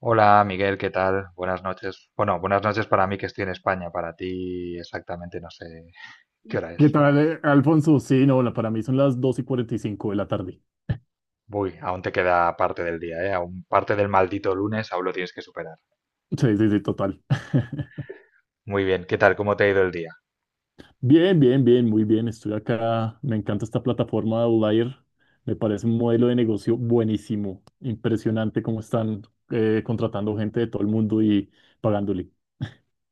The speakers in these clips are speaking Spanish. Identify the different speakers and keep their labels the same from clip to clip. Speaker 1: Hola Miguel, ¿qué tal? Buenas noches. Bueno, buenas noches para mí que estoy en España, para ti exactamente no sé qué hora
Speaker 2: ¿Qué
Speaker 1: es.
Speaker 2: tal, Alfonso? Sí, no, para mí son las 2:45 de la tarde.
Speaker 1: Uy, aún te queda parte del día, ¿eh? Aún parte del maldito lunes, aún lo tienes que superar.
Speaker 2: Sí, sí, sí, total.
Speaker 1: Muy bien, ¿qué tal? ¿Cómo te ha ido el día?
Speaker 2: Bien, bien, bien, muy bien. Estoy acá. Me encanta esta plataforma de Outlier. Me parece un modelo de negocio buenísimo. Impresionante cómo están contratando gente de todo el mundo y pagándole.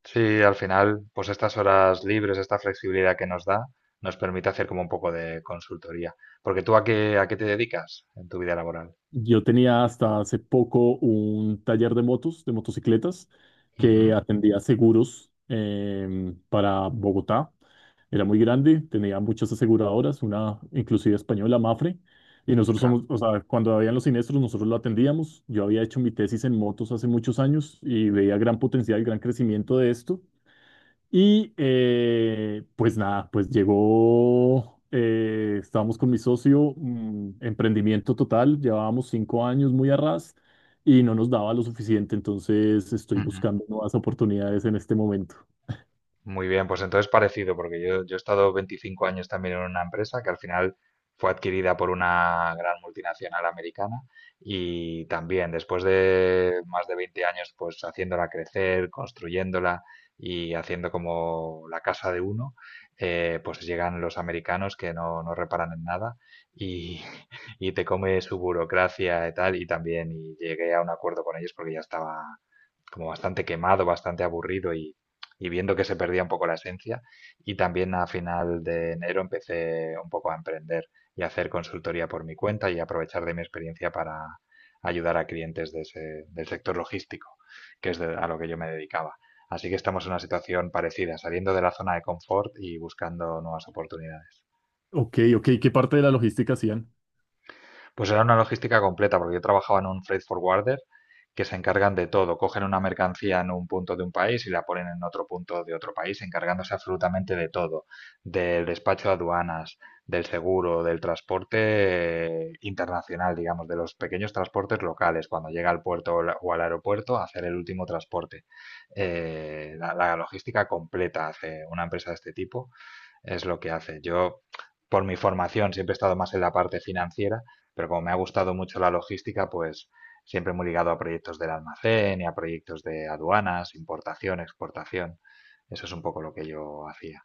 Speaker 1: Sí, al final, pues estas horas libres, esta flexibilidad que nos da, nos permite hacer como un poco de consultoría. Porque tú a qué te dedicas en tu vida laboral?
Speaker 2: Yo tenía hasta hace poco un taller de motos, de motocicletas,
Speaker 1: Ujú,
Speaker 2: que atendía seguros para Bogotá. Era muy grande, tenía muchas aseguradoras, una inclusive española, Mafre, y nosotros somos, o sea, cuando habían los siniestros, nosotros lo atendíamos. Yo había hecho mi tesis en motos hace muchos años y veía gran potencial, gran crecimiento de esto. Y pues nada, pues llegó, estábamos con mi socio, emprendimiento total, llevábamos 5 años muy a ras y no nos daba lo suficiente, entonces estoy
Speaker 1: claro.
Speaker 2: buscando nuevas oportunidades en este momento.
Speaker 1: Muy bien, pues entonces parecido, porque yo he estado 25 años también en una empresa que al final fue adquirida por una gran multinacional americana y también después de más de 20 años pues haciéndola crecer, construyéndola y haciendo como la casa de uno, pues llegan los americanos que no reparan en nada y, y te come su burocracia y tal y también y llegué a un acuerdo con ellos porque ya estaba como bastante quemado, bastante aburrido y viendo que se perdía un poco la esencia. Y también a final de enero empecé un poco a emprender y a hacer consultoría por mi cuenta y aprovechar de mi experiencia para ayudar a clientes de del sector logístico, que es a lo que yo me dedicaba. Así que estamos en una situación parecida, saliendo de la zona de confort y buscando nuevas oportunidades.
Speaker 2: Ok, ok, ¿qué parte de la logística hacían?
Speaker 1: Pues era una logística completa, porque yo trabajaba en un freight forwarder que se encargan de todo. Cogen una mercancía en un punto de un país y la ponen en otro punto de otro país, encargándose absolutamente de todo, del despacho de aduanas, del seguro, del transporte internacional, digamos, de los pequeños transportes locales, cuando llega al puerto o o al aeropuerto, hacer el último transporte. La logística completa hace una empresa de este tipo es lo que hace. Yo, por mi formación, siempre he estado más en la parte financiera, pero como me ha gustado mucho la logística, pues siempre muy ligado a proyectos del almacén y a proyectos de aduanas, importación, exportación. Eso es un poco lo que yo hacía.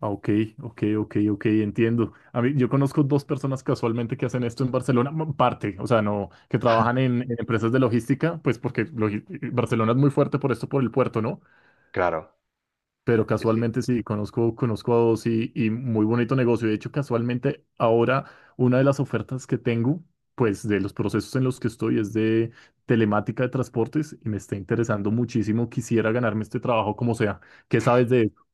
Speaker 2: Ah, ok, ok, ok, ok, entiendo. A mí, yo conozco dos personas casualmente que hacen esto en Barcelona, parte, o sea, no, que trabajan en empresas de logística, pues porque Barcelona es muy fuerte por esto, por el puerto, ¿no?
Speaker 1: Claro,
Speaker 2: Pero
Speaker 1: sí, sí.
Speaker 2: casualmente sí, conozco, conozco a dos y muy bonito negocio. De hecho, casualmente ahora una de las ofertas que tengo, pues de los procesos en los que estoy es de telemática de transportes y me está interesando muchísimo. Quisiera ganarme este trabajo como sea. ¿Qué sabes de eso?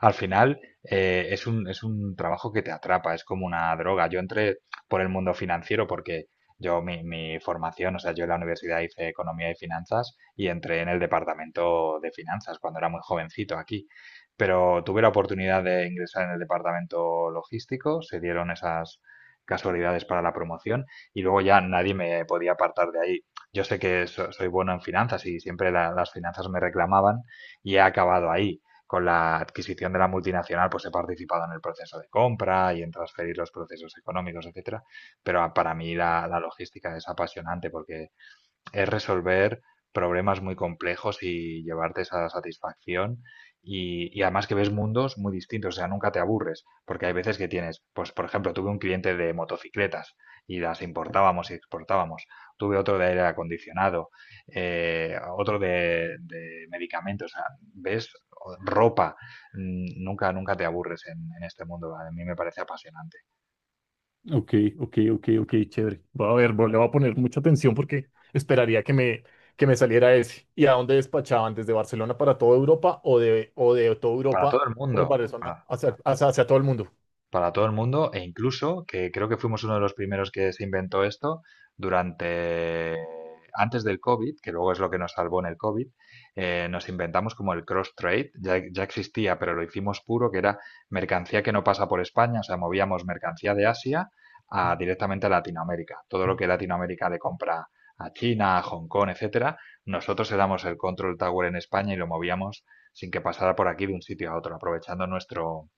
Speaker 1: Al final es un trabajo que te atrapa, es como una droga. Yo entré por el mundo financiero porque yo mi formación, o sea, yo en la universidad hice economía y finanzas y entré en el departamento de finanzas cuando era muy jovencito aquí. Pero tuve la oportunidad de ingresar en el departamento logístico, se dieron esas casualidades para la promoción y luego ya nadie me podía apartar de ahí. Yo sé que soy bueno en finanzas y siempre las finanzas me reclamaban y he acabado ahí con la adquisición de la multinacional, pues he participado en el proceso de compra y en transferir los procesos económicos, etcétera. Pero para mí la logística es apasionante porque es resolver problemas muy complejos y llevarte esa satisfacción. Y además que ves mundos muy distintos, o sea, nunca te aburres, porque hay veces que tienes, pues por ejemplo, tuve un cliente de motocicletas y las importábamos y exportábamos, tuve otro de aire acondicionado, otro de medicamentos, o sea, ves ropa, nunca, nunca te aburres en este mundo, a mí me parece apasionante.
Speaker 2: Ok, ok, ok, ok, chévere. Voy a ver, le voy a poner mucha atención porque esperaría que me saliera ese. ¿Y a dónde despachaban? ¿Desde Barcelona para toda Europa o de toda
Speaker 1: Para todo
Speaker 2: Europa
Speaker 1: el
Speaker 2: por
Speaker 1: mundo,
Speaker 2: Barcelona
Speaker 1: para,
Speaker 2: hacia, hacia hacia todo el mundo?
Speaker 1: Para todo el mundo, e incluso que creo que fuimos uno de los primeros que se inventó esto durante antes del COVID, que luego es lo que nos salvó en el COVID, nos inventamos como el cross trade, ya, ya existía, pero lo hicimos puro, que era mercancía que no pasa por España, o sea, movíamos mercancía de Asia a, directamente a Latinoamérica. Todo lo que Latinoamérica le compra a China, a Hong Kong, etcétera, nosotros éramos el control tower en España y lo movíamos sin que pasara por aquí de un sitio a otro, aprovechando nuestro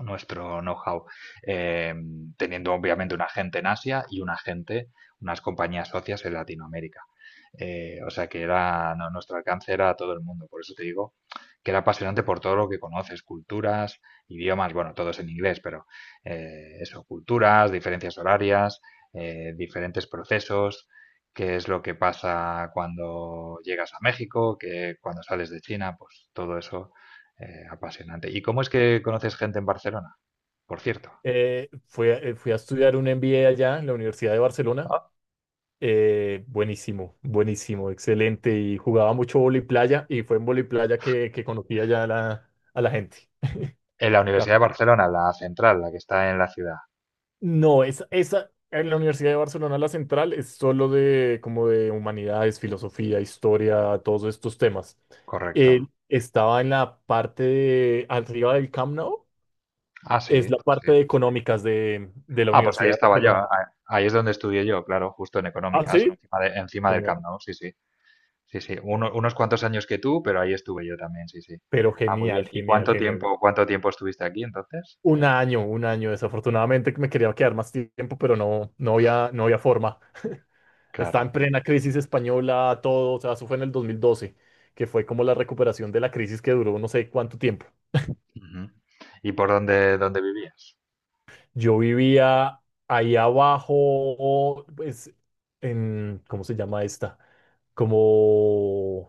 Speaker 1: nuestro know-how, eh, teniendo obviamente un agente en Asia y un agente, unas compañías socias en Latinoamérica. O sea que era no, nuestro alcance era a todo el mundo, por eso te digo que era apasionante por todo lo que conoces, culturas, idiomas, bueno, todos en inglés, pero culturas, diferencias horarias, diferentes procesos, qué es lo que pasa cuando llegas a México, que cuando sales de China, pues todo eso apasionante. ¿Y cómo es que conoces gente en Barcelona? Por cierto.
Speaker 2: Fui a estudiar un MBA allá en la Universidad de Barcelona.
Speaker 1: ¿No?
Speaker 2: Buenísimo, buenísimo, excelente. Y jugaba mucho vóley playa y fue en vóley playa que conocí allá a la gente.
Speaker 1: En la Universidad de
Speaker 2: Capo.
Speaker 1: Barcelona, la central, la que está en la ciudad.
Speaker 2: No, esa en la Universidad de Barcelona, la central, es solo de como de humanidades, filosofía, historia, todos estos temas.
Speaker 1: Correcto.
Speaker 2: Él estaba en la parte de arriba del Camp Nou,
Speaker 1: Ah, sí,
Speaker 2: es la
Speaker 1: sí, sí.
Speaker 2: parte de económicas de la
Speaker 1: Ah, pues ahí
Speaker 2: Universidad de
Speaker 1: estaba yo.
Speaker 2: Barcelona.
Speaker 1: Ahí es donde estudié yo, claro, justo en
Speaker 2: Ah,
Speaker 1: económicas,
Speaker 2: sí.
Speaker 1: encima, encima del
Speaker 2: Genial.
Speaker 1: Camp Nou, sí, sí. Sí, sí. Unos cuantos años que tú, pero ahí estuve yo también, sí, sí.
Speaker 2: Pero
Speaker 1: Ah, muy
Speaker 2: genial,
Speaker 1: bien. ¿Y
Speaker 2: genial,
Speaker 1: cuánto
Speaker 2: genial.
Speaker 1: tiempo, cuánto tiempo estuviste aquí entonces?
Speaker 2: Un año, un año. Desafortunadamente me quería quedar más tiempo, pero no, no había, no había forma. Está
Speaker 1: Claro.
Speaker 2: en plena crisis española, todo. O sea, eso fue en el 2012 que fue como la recuperación de la crisis que duró no sé cuánto tiempo.
Speaker 1: Ujú. ¿Y por dónde vivías?
Speaker 2: Yo vivía ahí abajo, pues, en, ¿cómo se llama esta? Como,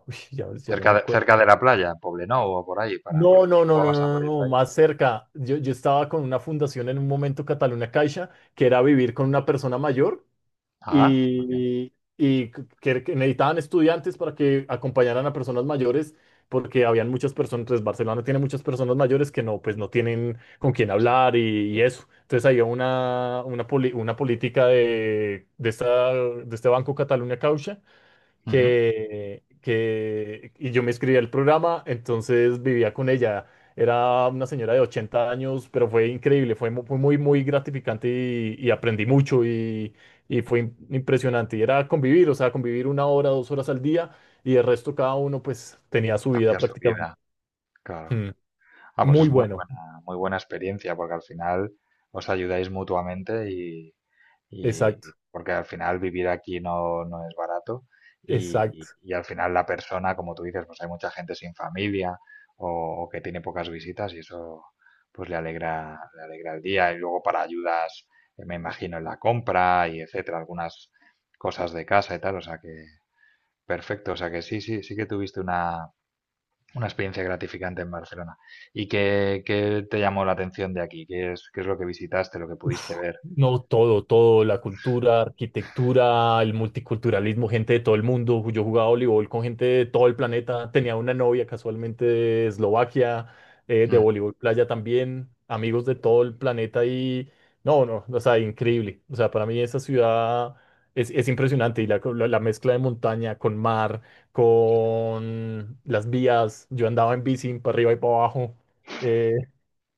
Speaker 2: uy, ya, ya no me acuerdo.
Speaker 1: Cerca de la playa, en Poblenou o por ahí? Para,
Speaker 2: No,
Speaker 1: porque si
Speaker 2: no, no, no,
Speaker 1: jugabas a
Speaker 2: no, no, no,
Speaker 1: voleibol.
Speaker 2: más cerca. Yo estaba con una fundación en un momento, Cataluña Caixa, que era vivir con una persona mayor
Speaker 1: Ah, muy bien.
Speaker 2: y que necesitaban estudiantes para que acompañaran a personas mayores, porque habían muchas personas, pues Barcelona tiene muchas personas mayores que no, pues no tienen con quién
Speaker 1: Sí, sí.
Speaker 2: hablar y eso. Entonces había una, una política de, esta, de este Banco Cataluña Caixa
Speaker 1: Ujú.
Speaker 2: que y yo me inscribí al programa, entonces vivía con ella. Era una señora de 80 años, pero fue increíble, fue, fue muy, muy gratificante y aprendí mucho y fue impresionante. Y era convivir, o sea, convivir 1 hora, 2 horas al día y el resto cada uno pues tenía su vida
Speaker 1: Hacia su
Speaker 2: prácticamente.
Speaker 1: vida, claro.
Speaker 2: Mm.
Speaker 1: Ah, pues
Speaker 2: Muy
Speaker 1: es
Speaker 2: bueno.
Speaker 1: muy buena experiencia, porque al final os ayudáis mutuamente
Speaker 2: Exacto,
Speaker 1: y porque al final vivir aquí no, no es barato y,
Speaker 2: exacto.
Speaker 1: y al final la persona, como tú dices, pues hay mucha gente sin familia o que tiene pocas visitas y eso pues le alegra el día y luego para ayudas, me imagino, en la compra y etcétera, algunas cosas de casa y tal, o sea que perfecto, o sea que sí, sí, sí que tuviste una experiencia gratificante en Barcelona. ¿Y qué te llamó la atención de aquí? Qué es lo que visitaste, lo que pudiste ver?
Speaker 2: No, todo, todo, la cultura, arquitectura, el multiculturalismo, gente de todo el mundo. Yo jugaba voleibol con gente de todo el planeta. Tenía una novia casualmente de Eslovaquia, de
Speaker 1: Mm.
Speaker 2: voleibol playa también, amigos de todo el planeta y no, no, o sea, increíble. O sea, para mí esa ciudad es impresionante y la, la mezcla de montaña con mar, con las vías. Yo andaba en bici para arriba y para abajo. eh,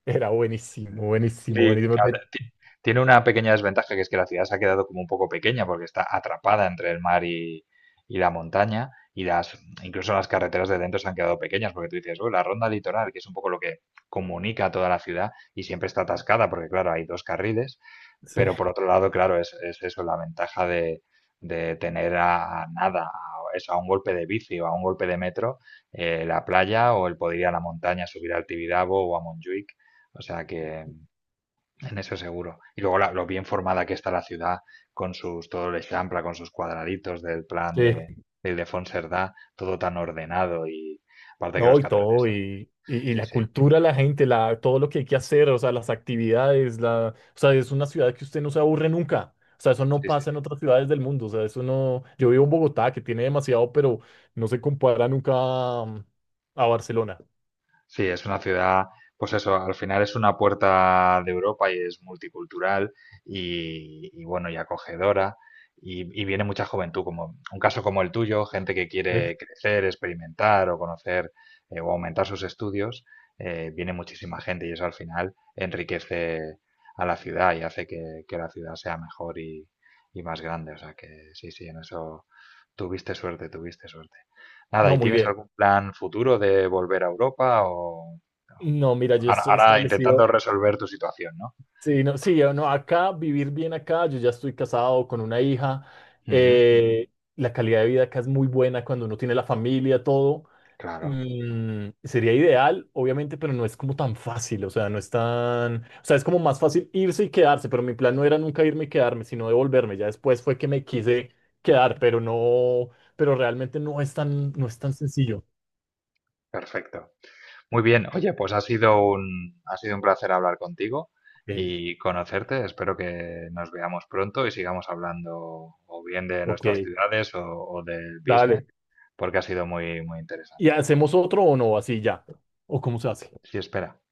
Speaker 2: Era buenísimo, buenísimo,
Speaker 1: Sí,
Speaker 2: buenísimo.
Speaker 1: claro,
Speaker 2: Ve-
Speaker 1: tiene una pequeña desventaja que es que la ciudad se ha quedado como un poco pequeña porque está atrapada entre el mar y la montaña y las incluso las carreteras de dentro se han quedado pequeñas porque tú dices, "Uy, la ronda litoral, que es un poco lo que comunica a toda la ciudad y siempre está atascada porque claro, hay dos carriles.
Speaker 2: Sí.
Speaker 1: Pero por otro lado, claro, es eso, la ventaja de tener a nada, a, eso, a un golpe de bici o a un golpe de metro, la playa o el poder ir a la montaña, subir al Tibidabo o a Montjuic. O sea que en eso seguro. Y luego lo bien formada que está la ciudad con sus, todo el Eixample, con sus cuadraditos del plan
Speaker 2: Sí,
Speaker 1: de Ildefons Cerdá, todo tan ordenado y aparte que los
Speaker 2: no, y
Speaker 1: catalanes,
Speaker 2: todo,
Speaker 1: son-
Speaker 2: y
Speaker 1: sí,
Speaker 2: la
Speaker 1: sí,
Speaker 2: cultura, la gente, la, todo lo que hay que hacer, o sea, las actividades, la, o sea, es una ciudad que usted no se aburre nunca. O sea, eso no
Speaker 1: sí, sí.
Speaker 2: pasa en otras ciudades del mundo. O sea, eso no. Yo vivo en Bogotá, que tiene demasiado, pero no se compara nunca mm, a Barcelona.
Speaker 1: Sí, es una ciudad, pues eso, al final es una puerta de Europa y es multicultural y bueno, y acogedora. Y viene mucha juventud, como un caso como el tuyo, gente que
Speaker 2: Sí.
Speaker 1: quiere crecer, experimentar o conocer o aumentar sus estudios, viene muchísima gente y eso al final enriquece a la ciudad y hace que la ciudad sea mejor y más grande. O sea que sí, sí, en eso tuviste suerte, tuviste suerte. Nada, ¿y
Speaker 2: No, muy
Speaker 1: tienes
Speaker 2: bien.
Speaker 1: algún plan futuro de volver a Europa o
Speaker 2: No, mira, yo
Speaker 1: ahora,
Speaker 2: estoy
Speaker 1: ahora intentando
Speaker 2: establecido.
Speaker 1: resolver tu situación, ¿no?
Speaker 2: Sí, no, sí, yo no, acá, vivir bien acá, yo ya estoy casado con una hija,
Speaker 1: Ujú,
Speaker 2: la calidad de vida acá es muy buena cuando uno tiene la familia, todo,
Speaker 1: claro,
Speaker 2: sería ideal, obviamente, pero no es como tan fácil, o sea, no es tan, o sea, es como más fácil irse y quedarse, pero mi plan no era nunca irme y quedarme, sino devolverme, ya después fue que me quise quedar, pero no, pero realmente no es tan, no es tan sencillo.
Speaker 1: perfecto. Muy bien, oye, pues ha sido un placer hablar contigo
Speaker 2: Ok,
Speaker 1: y conocerte. Espero que nos veamos pronto y sigamos hablando o bien de
Speaker 2: ok,
Speaker 1: nuestras ciudades o del business,
Speaker 2: dale,
Speaker 1: porque ha sido muy, muy
Speaker 2: ¿y
Speaker 1: interesante.
Speaker 2: hacemos otro o no, así ya? ¿O cómo se hace?
Speaker 1: Sí, espera.